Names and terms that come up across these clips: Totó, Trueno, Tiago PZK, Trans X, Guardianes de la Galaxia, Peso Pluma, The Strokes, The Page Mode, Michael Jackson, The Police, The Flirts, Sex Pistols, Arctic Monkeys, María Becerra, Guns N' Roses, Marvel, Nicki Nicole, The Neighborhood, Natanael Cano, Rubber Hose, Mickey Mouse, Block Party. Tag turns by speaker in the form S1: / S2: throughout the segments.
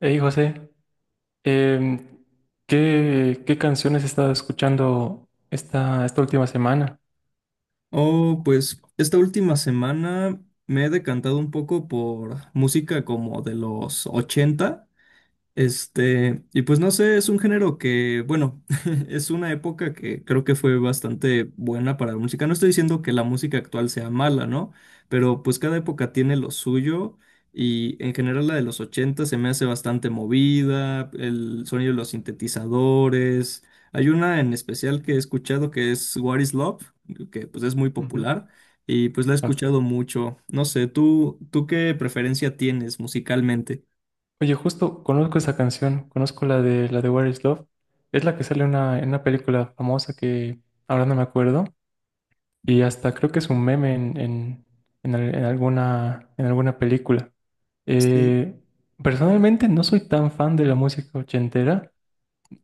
S1: Hey José, em, ¿qué canciones has estado escuchando esta última semana?
S2: Oh, pues esta última semana me he decantado un poco por música como de los 80. Y pues no sé, es un género que, bueno, es una época que creo que fue bastante buena para la música. No estoy diciendo que la música actual sea mala, ¿no? Pero pues cada época tiene lo suyo y en general la de los 80 se me hace bastante movida, el sonido de los sintetizadores. Hay una en especial que he escuchado que es What is Love, que pues es muy
S1: Ujú.
S2: popular y pues la he
S1: Ah,
S2: escuchado mucho. No sé, ¿tú qué preferencia tienes musicalmente?
S1: Oye, justo conozco esa canción, conozco la de Where is Love. Es la que sale en en una película famosa que ahora no me acuerdo. Y hasta creo que es un meme en en alguna película.
S2: Sí,
S1: Eh, Personalmente no soy tan fan de la música ochentera.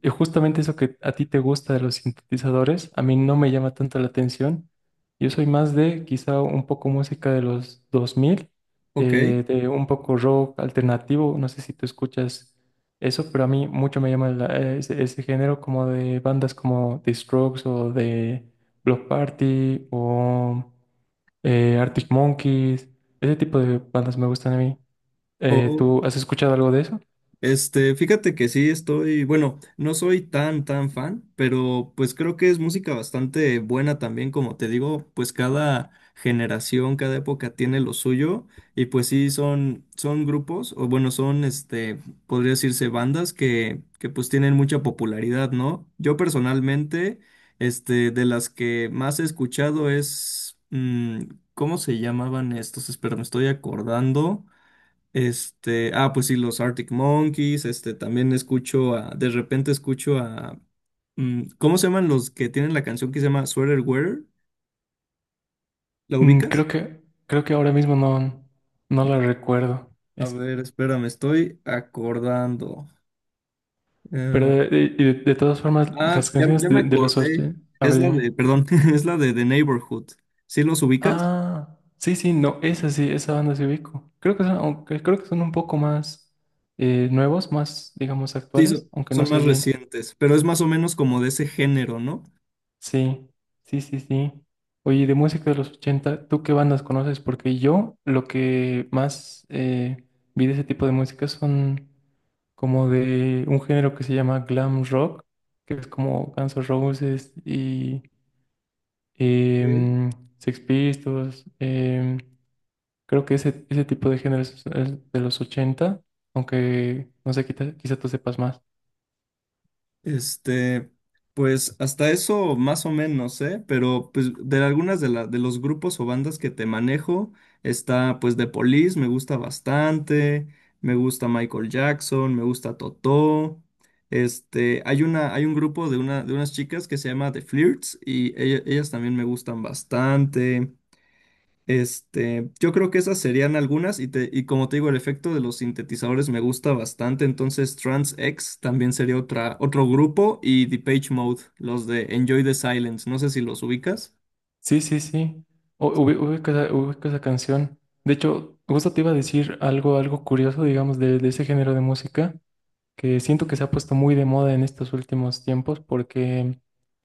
S1: Y justamente eso que a ti te gusta de los sintetizadores, a mí no me llama tanto la atención. Yo soy más de quizá un poco música de los 2000,
S2: ok.
S1: de un poco rock alternativo. No sé si tú escuchas eso, pero a mí mucho me llama ese género como de bandas como The Strokes o de Block Party o Arctic Monkeys. Ese tipo de bandas me gustan a mí.
S2: Oh,
S1: ¿Tú has escuchado algo de eso?
S2: fíjate que sí estoy, bueno, no soy tan fan, pero pues creo que es música bastante buena también, como te digo, pues cada generación, cada época tiene lo suyo y pues sí son grupos, o bueno, son, podría decirse bandas que pues tienen mucha popularidad, ¿no? Yo personalmente, de las que más he escuchado es, ¿cómo se llamaban estos? Espera, me estoy acordando. Pues sí, los Arctic Monkeys, también escucho a, de repente escucho a, ¿cómo se llaman los que tienen la canción que se llama Sweater Wearer? ¿La
S1: Mm,
S2: ubicas?
S1: creo creo que ahora mismo no, no la
S2: No.
S1: recuerdo.
S2: A
S1: Esa.
S2: ver, espera, me estoy acordando.
S1: Pero
S2: Eh,
S1: de todas formas, las
S2: ya,
S1: canciones
S2: ya me
S1: de los ocho,
S2: acordé.
S1: a
S2: Es
S1: ver,
S2: la
S1: dime.
S2: de, perdón, es la de The Neighborhood. ¿Sí los ubicas?
S1: Ah, sí, sí, no, esa sí, esa banda se ubico. Creo que son, aunque creo que son un poco más nuevos, más, digamos,
S2: Sí,
S1: actuales,
S2: son,
S1: aunque no
S2: son
S1: sé
S2: más
S1: bien.
S2: recientes, pero es más o menos como de ese género, ¿no?
S1: Sí, sí, sí, sí. Oye, de música de los 80, ¿tú qué bandas conoces? Porque yo lo que más vi de ese tipo de música son como de un género que se llama glam rock, que es como Guns N' Roses y em, Sex Pistols. Creo que ese tipo de géneros es de los 80, aunque no sé, quizá tú sepas más.
S2: Este, pues hasta eso más o menos, ¿eh? Pero pues de algunas de, la, de los grupos o bandas que te manejo está pues The Police, me gusta bastante, me gusta Michael Jackson, me gusta Totó. Hay una, hay un grupo de una, de unas chicas que se llama The Flirts y ella- ellas también me gustan bastante. Yo creo que esas serían algunas y, te, y como te digo, el efecto de los sintetizadores me gusta bastante, entonces Trans X también sería otra, otro grupo y The Page Mode, los de Enjoy the Silence, no sé si los ubicas.
S1: Sí, sí, sí. Ubico ubico esa canción. De hecho, justo te iba a decir algo curioso, digamos, de ese género de música, que siento que se ha puesto muy de moda en estos últimos tiempos, porque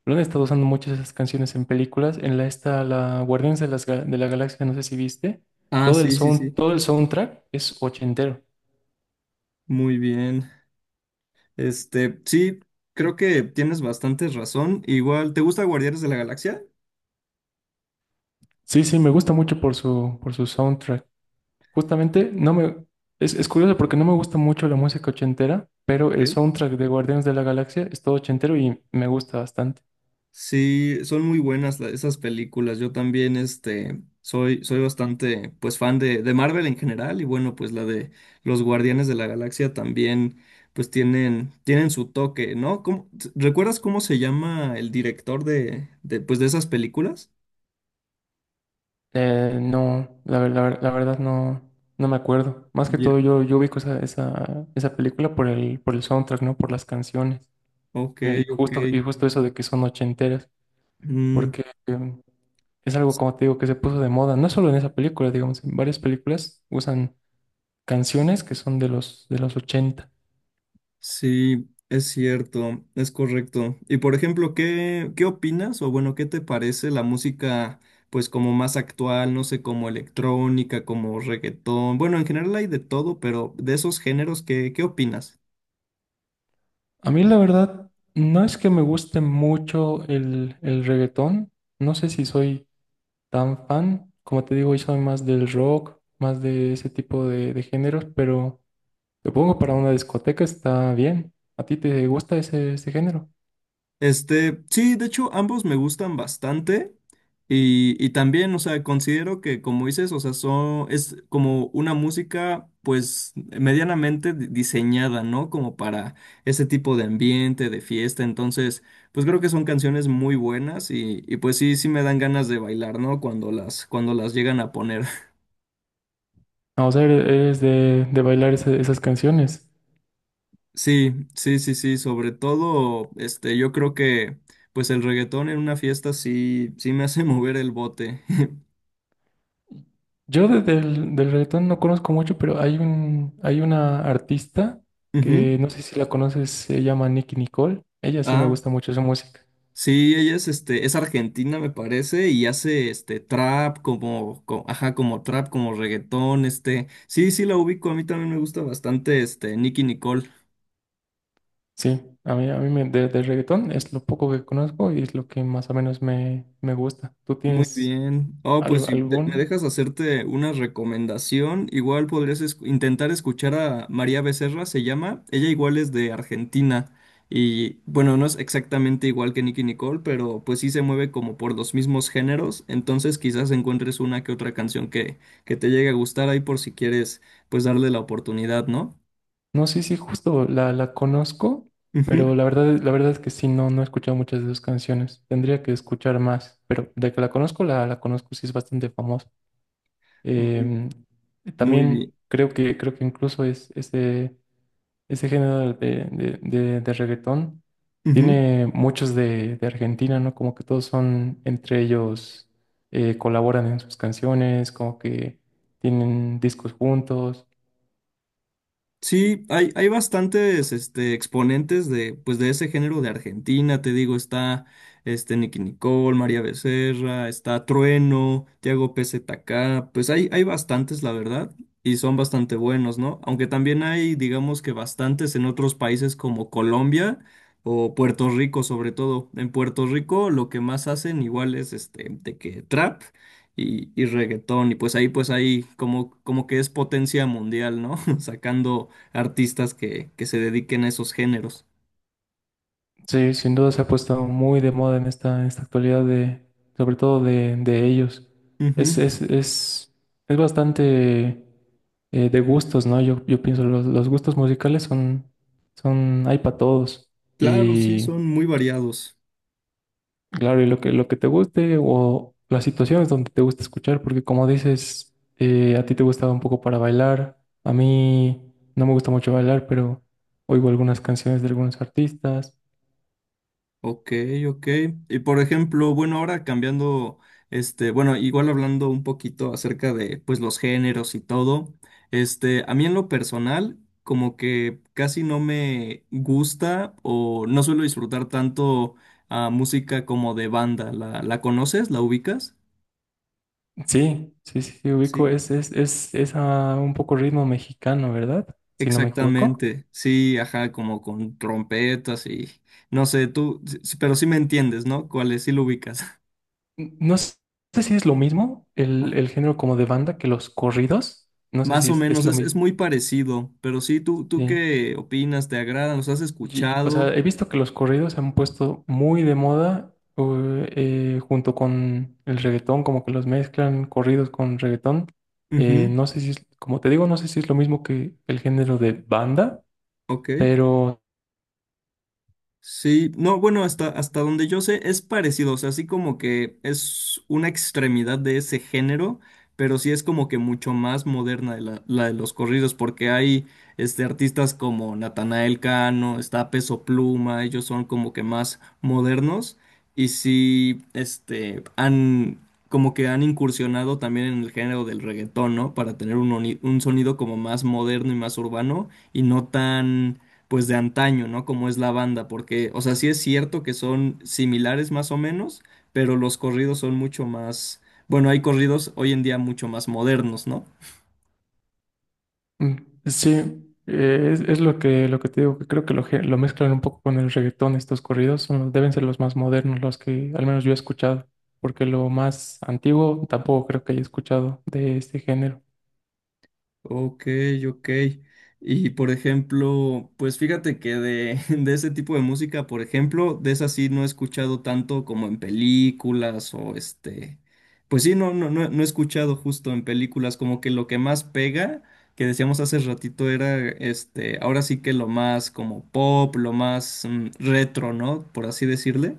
S1: lo han estado usando muchas esas canciones en películas. En la Guardianes de, de la Galaxia, no sé si viste,
S2: Ah,
S1: todo el
S2: sí.
S1: soundtrack es ochentero.
S2: Muy bien. Sí, creo que tienes bastante razón. Igual, ¿te gusta Guardianes de la Galaxia?
S1: Sí, sí, me gusta mucho por su soundtrack. Justamente, no me, es curioso porque no me gusta mucho la música ochentera, pero
S2: Ok.
S1: el soundtrack de Guardianes de la Galaxia es todo ochentero y me gusta bastante.
S2: Sí, son muy buenas la- esas películas. Yo también, soy bastante, pues, fan de Marvel en general y bueno, pues la de los Guardianes de la Galaxia también, pues, tienen su toque, ¿no? ¿Cómo- t- ¿recuerdas cómo se llama el director pues, de esas películas?
S1: No, la verdad no, no me acuerdo. Más que
S2: Ye-
S1: todo yo, yo ubico esa película por el soundtrack, ¿no? Por las canciones.
S2: Ok, ok.
S1: Y justo eso de que son ochenteras,
S2: Mm,
S1: porque es algo, como te digo, que se puso de moda. No solo en esa película, digamos, en varias películas usan canciones que son de de los ochenta.
S2: sí, es cierto, es correcto. Y por ejemplo, ¿qué opinas o bueno, qué te parece la música pues como más actual, no sé, como electrónica, como reggaetón? Bueno, en general hay de todo, pero de esos géneros, ¿qué opinas?
S1: A mí la verdad no es que me guste mucho el reggaetón, no sé si soy tan fan, como te digo, yo soy más del rock, más de ese tipo de géneros, pero supongo para una discoteca está bien. ¿A ti te gusta ese género?
S2: Sí, de hecho, ambos me gustan bastante. Y también, o sea, considero que, como dices, o sea, son, es como una música, pues, medianamente di- diseñada, ¿no? Como para ese tipo de ambiente, de fiesta. Entonces, pues creo que son canciones muy buenas y pues sí, sí me dan ganas de bailar, ¿no? Cuando cuando las llegan a poner.
S1: Ah, o sea, eres de bailar esas canciones.
S2: Sí. Sobre todo, yo creo que, pues, el reggaetón en una fiesta sí, sí me hace mover el bote.
S1: Yo del reggaetón no conozco mucho, pero hay hay una artista que
S2: Ujú.
S1: no sé si la conoces, se llama Nicki Nicole. Ella sí me
S2: Ah,
S1: gusta mucho su música.
S2: sí, ella es, es argentina, me parece, y hace este trap como, co- ajá, como trap, como reggaetón, este. Sí la ubico, a mí también me gusta bastante este Nicki Nicole.
S1: Sí, a mí de reggaetón es lo poco que conozco y es lo que más o menos me gusta. ¿Tú
S2: Muy
S1: tienes
S2: bien. Oh, pues si de- me
S1: algún?
S2: dejas hacerte una recomendación, igual podrías esc- intentar escuchar a María Becerra, se llama. Ella igual es de Argentina y bueno, no es exactamente igual que Nicki Nicole, pero pues sí se mueve como por los mismos géneros, entonces quizás encuentres una que otra canción que te llegue a gustar ahí por si quieres pues darle la oportunidad, ¿no?
S1: No sé si justo la conozco,
S2: Ujú.
S1: pero la verdad es que sí, no, no he escuchado muchas de sus canciones. Tendría que escuchar más, pero de que la conozco, la conozco, sí es bastante famosa.
S2: Muy,
S1: Em,
S2: muy
S1: También
S2: bien.
S1: creo creo que incluso es ese. Ese género de reggaetón
S2: Ujú.
S1: tiene muchos de Argentina, ¿no? Como que todos son entre ellos, colaboran en sus canciones, como que tienen discos juntos.
S2: Sí, hay bastantes este, exponentes de, pues, de ese género de Argentina, te digo, está Nicki Nicole, María Becerra, está Trueno, Tiago PZK, pues hay bastantes, la verdad, y son bastante buenos, ¿no? Aunque también hay, digamos que bastantes en otros países como Colombia o Puerto Rico, sobre todo. En Puerto Rico lo que más hacen igual es de que trap y reggaetón, y pues ahí como, como que es potencia mundial, ¿no? Sacando artistas que se dediquen a esos géneros.
S1: Sí, sin duda se ha puesto muy de moda en en esta actualidad, de, sobre todo de ellos. Es,
S2: Ujú,
S1: es, es, es bastante de gustos, ¿no? Yo pienso, los gustos musicales son, hay para todos.
S2: claro, sí,
S1: Y.
S2: son muy variados.
S1: Claro, y lo que te guste o las situaciones donde te gusta escuchar, porque como dices, a ti te gustaba un poco para bailar, a mí no me gusta mucho bailar, pero oigo algunas canciones de algunos artistas.
S2: Ok, ok. Y por ejemplo, bueno, ahora cambiando, igual hablando un poquito acerca de, pues, los géneros y todo, a mí en lo personal, como que casi no me gusta o no suelo disfrutar tanto a música como de banda. ¿La conoces? ¿La ubicas?
S1: Sí, sí, sí, sí, ubico,
S2: Sí.
S1: es a un poco ritmo mexicano, ¿verdad? Si no me equivoco.
S2: Exactamente, sí, ajá, como con trompetas y no sé, tú, s- pero sí me entiendes, ¿no? ¿Cuál es? Sí lo ubicas.
S1: N- No s- Sé si es lo mismo el género como de banda que los corridos, no sé
S2: Más
S1: si
S2: o menos,
S1: es lo
S2: es
S1: mismo.
S2: muy parecido, pero sí, ¿tú
S1: Sí.
S2: qué opinas? ¿Te agradan? ¿Los has
S1: Y, o sea, he
S2: escuchado?
S1: visto que los corridos se han puesto muy de moda junto con el reggaetón, como que los mezclan corridos con reggaetón.
S2: Ujú,
S1: No sé si es, como te digo, no sé si es lo mismo que el género de banda,
S2: ok.
S1: pero
S2: Sí, no, bueno, hasta donde yo sé es parecido, o sea, así como que es una extremidad de ese género, pero sí es como que mucho más moderna la de los corridos, porque hay artistas como Natanael Cano, está Peso Pluma, ellos son como que más modernos y sí, han como que han incursionado también en el género del reggaetón, ¿no? Para tener un, oni- un sonido como más moderno y más urbano y no tan pues de antaño, ¿no? Como es la banda, porque, o sea, sí es cierto que son similares más o menos, pero los corridos son mucho más, bueno, hay corridos hoy en día mucho más modernos, ¿no?
S1: mm, sí, es lo lo que te digo, que creo que lo mezclan un poco con el reggaetón estos corridos. Son deben ser los más modernos, los que al menos yo he escuchado, porque lo más antiguo tampoco creo que haya escuchado de este género.
S2: Ok, ok. Y por ejemplo, pues fíjate que de, de ese tipo de música, por ejemplo, de esa sí no he escuchado tanto como en películas o pues sí, no he escuchado justo en películas, como que lo que más pega, que decíamos hace ratito, era ahora sí que lo más como pop, lo más retro, ¿no? Por así decirle.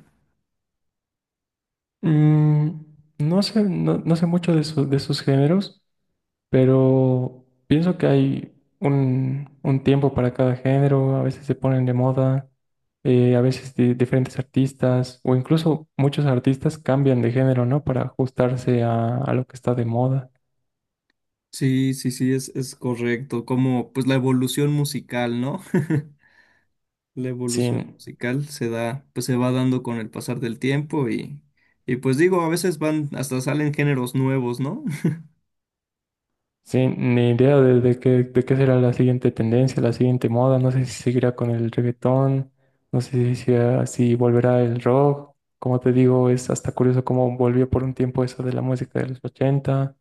S1: Mm, no sé, no, no sé mucho de sus géneros, pero pienso que hay un tiempo para cada género, a veces se ponen de moda, a veces diferentes artistas o incluso muchos artistas cambian de género, ¿no? Para ajustarse a lo que está de moda.
S2: Sí, es correcto, como pues la evolución musical, ¿no? La evolución
S1: Sí,
S2: musical se da, pues se va dando con el pasar del tiempo y pues digo, a veces van, hasta salen géneros nuevos, ¿no?
S1: sí, ni idea de qué será la siguiente tendencia, la siguiente moda. No sé si seguirá con el reggaetón, no sé si volverá el rock. Como te digo, es hasta curioso cómo volvió por un tiempo eso de la música de los 80.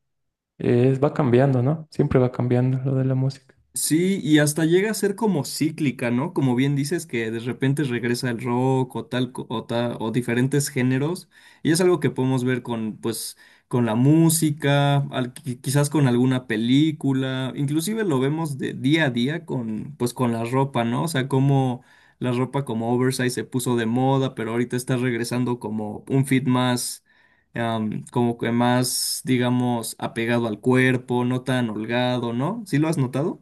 S1: Va cambiando, ¿no? Siempre va cambiando lo de la música.
S2: Sí, y hasta llega a ser como cíclica, ¿no? Como bien dices, que de repente regresa el rock o tal, co- o ta- o diferentes géneros. Y es algo que podemos ver con, pues, con la música, al- qui- quizás con alguna película. Inclusive lo vemos de día a día con, pues, con la ropa, ¿no? O sea, como la ropa como oversize se puso de moda, pero ahorita está regresando como un fit más como que más, digamos, apegado al cuerpo, no tan holgado, ¿no? ¿Sí lo has notado?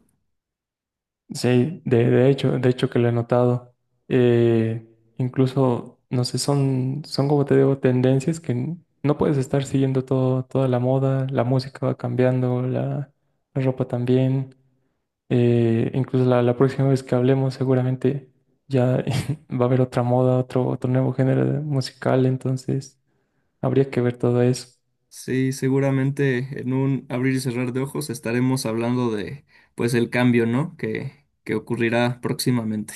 S1: Sí, de hecho que lo he notado. Eh, Incluso, no sé, son como te digo, tendencias que no puedes estar siguiendo todo, toda la moda, la música va cambiando, la ropa también. Incluso la próxima vez que hablemos seguramente ya va a haber otra moda, otro nuevo género musical, entonces habría que ver todo eso.
S2: Sí, seguramente en un abrir y cerrar de ojos estaremos hablando de, pues, el cambio, ¿no? Que ocurrirá próximamente.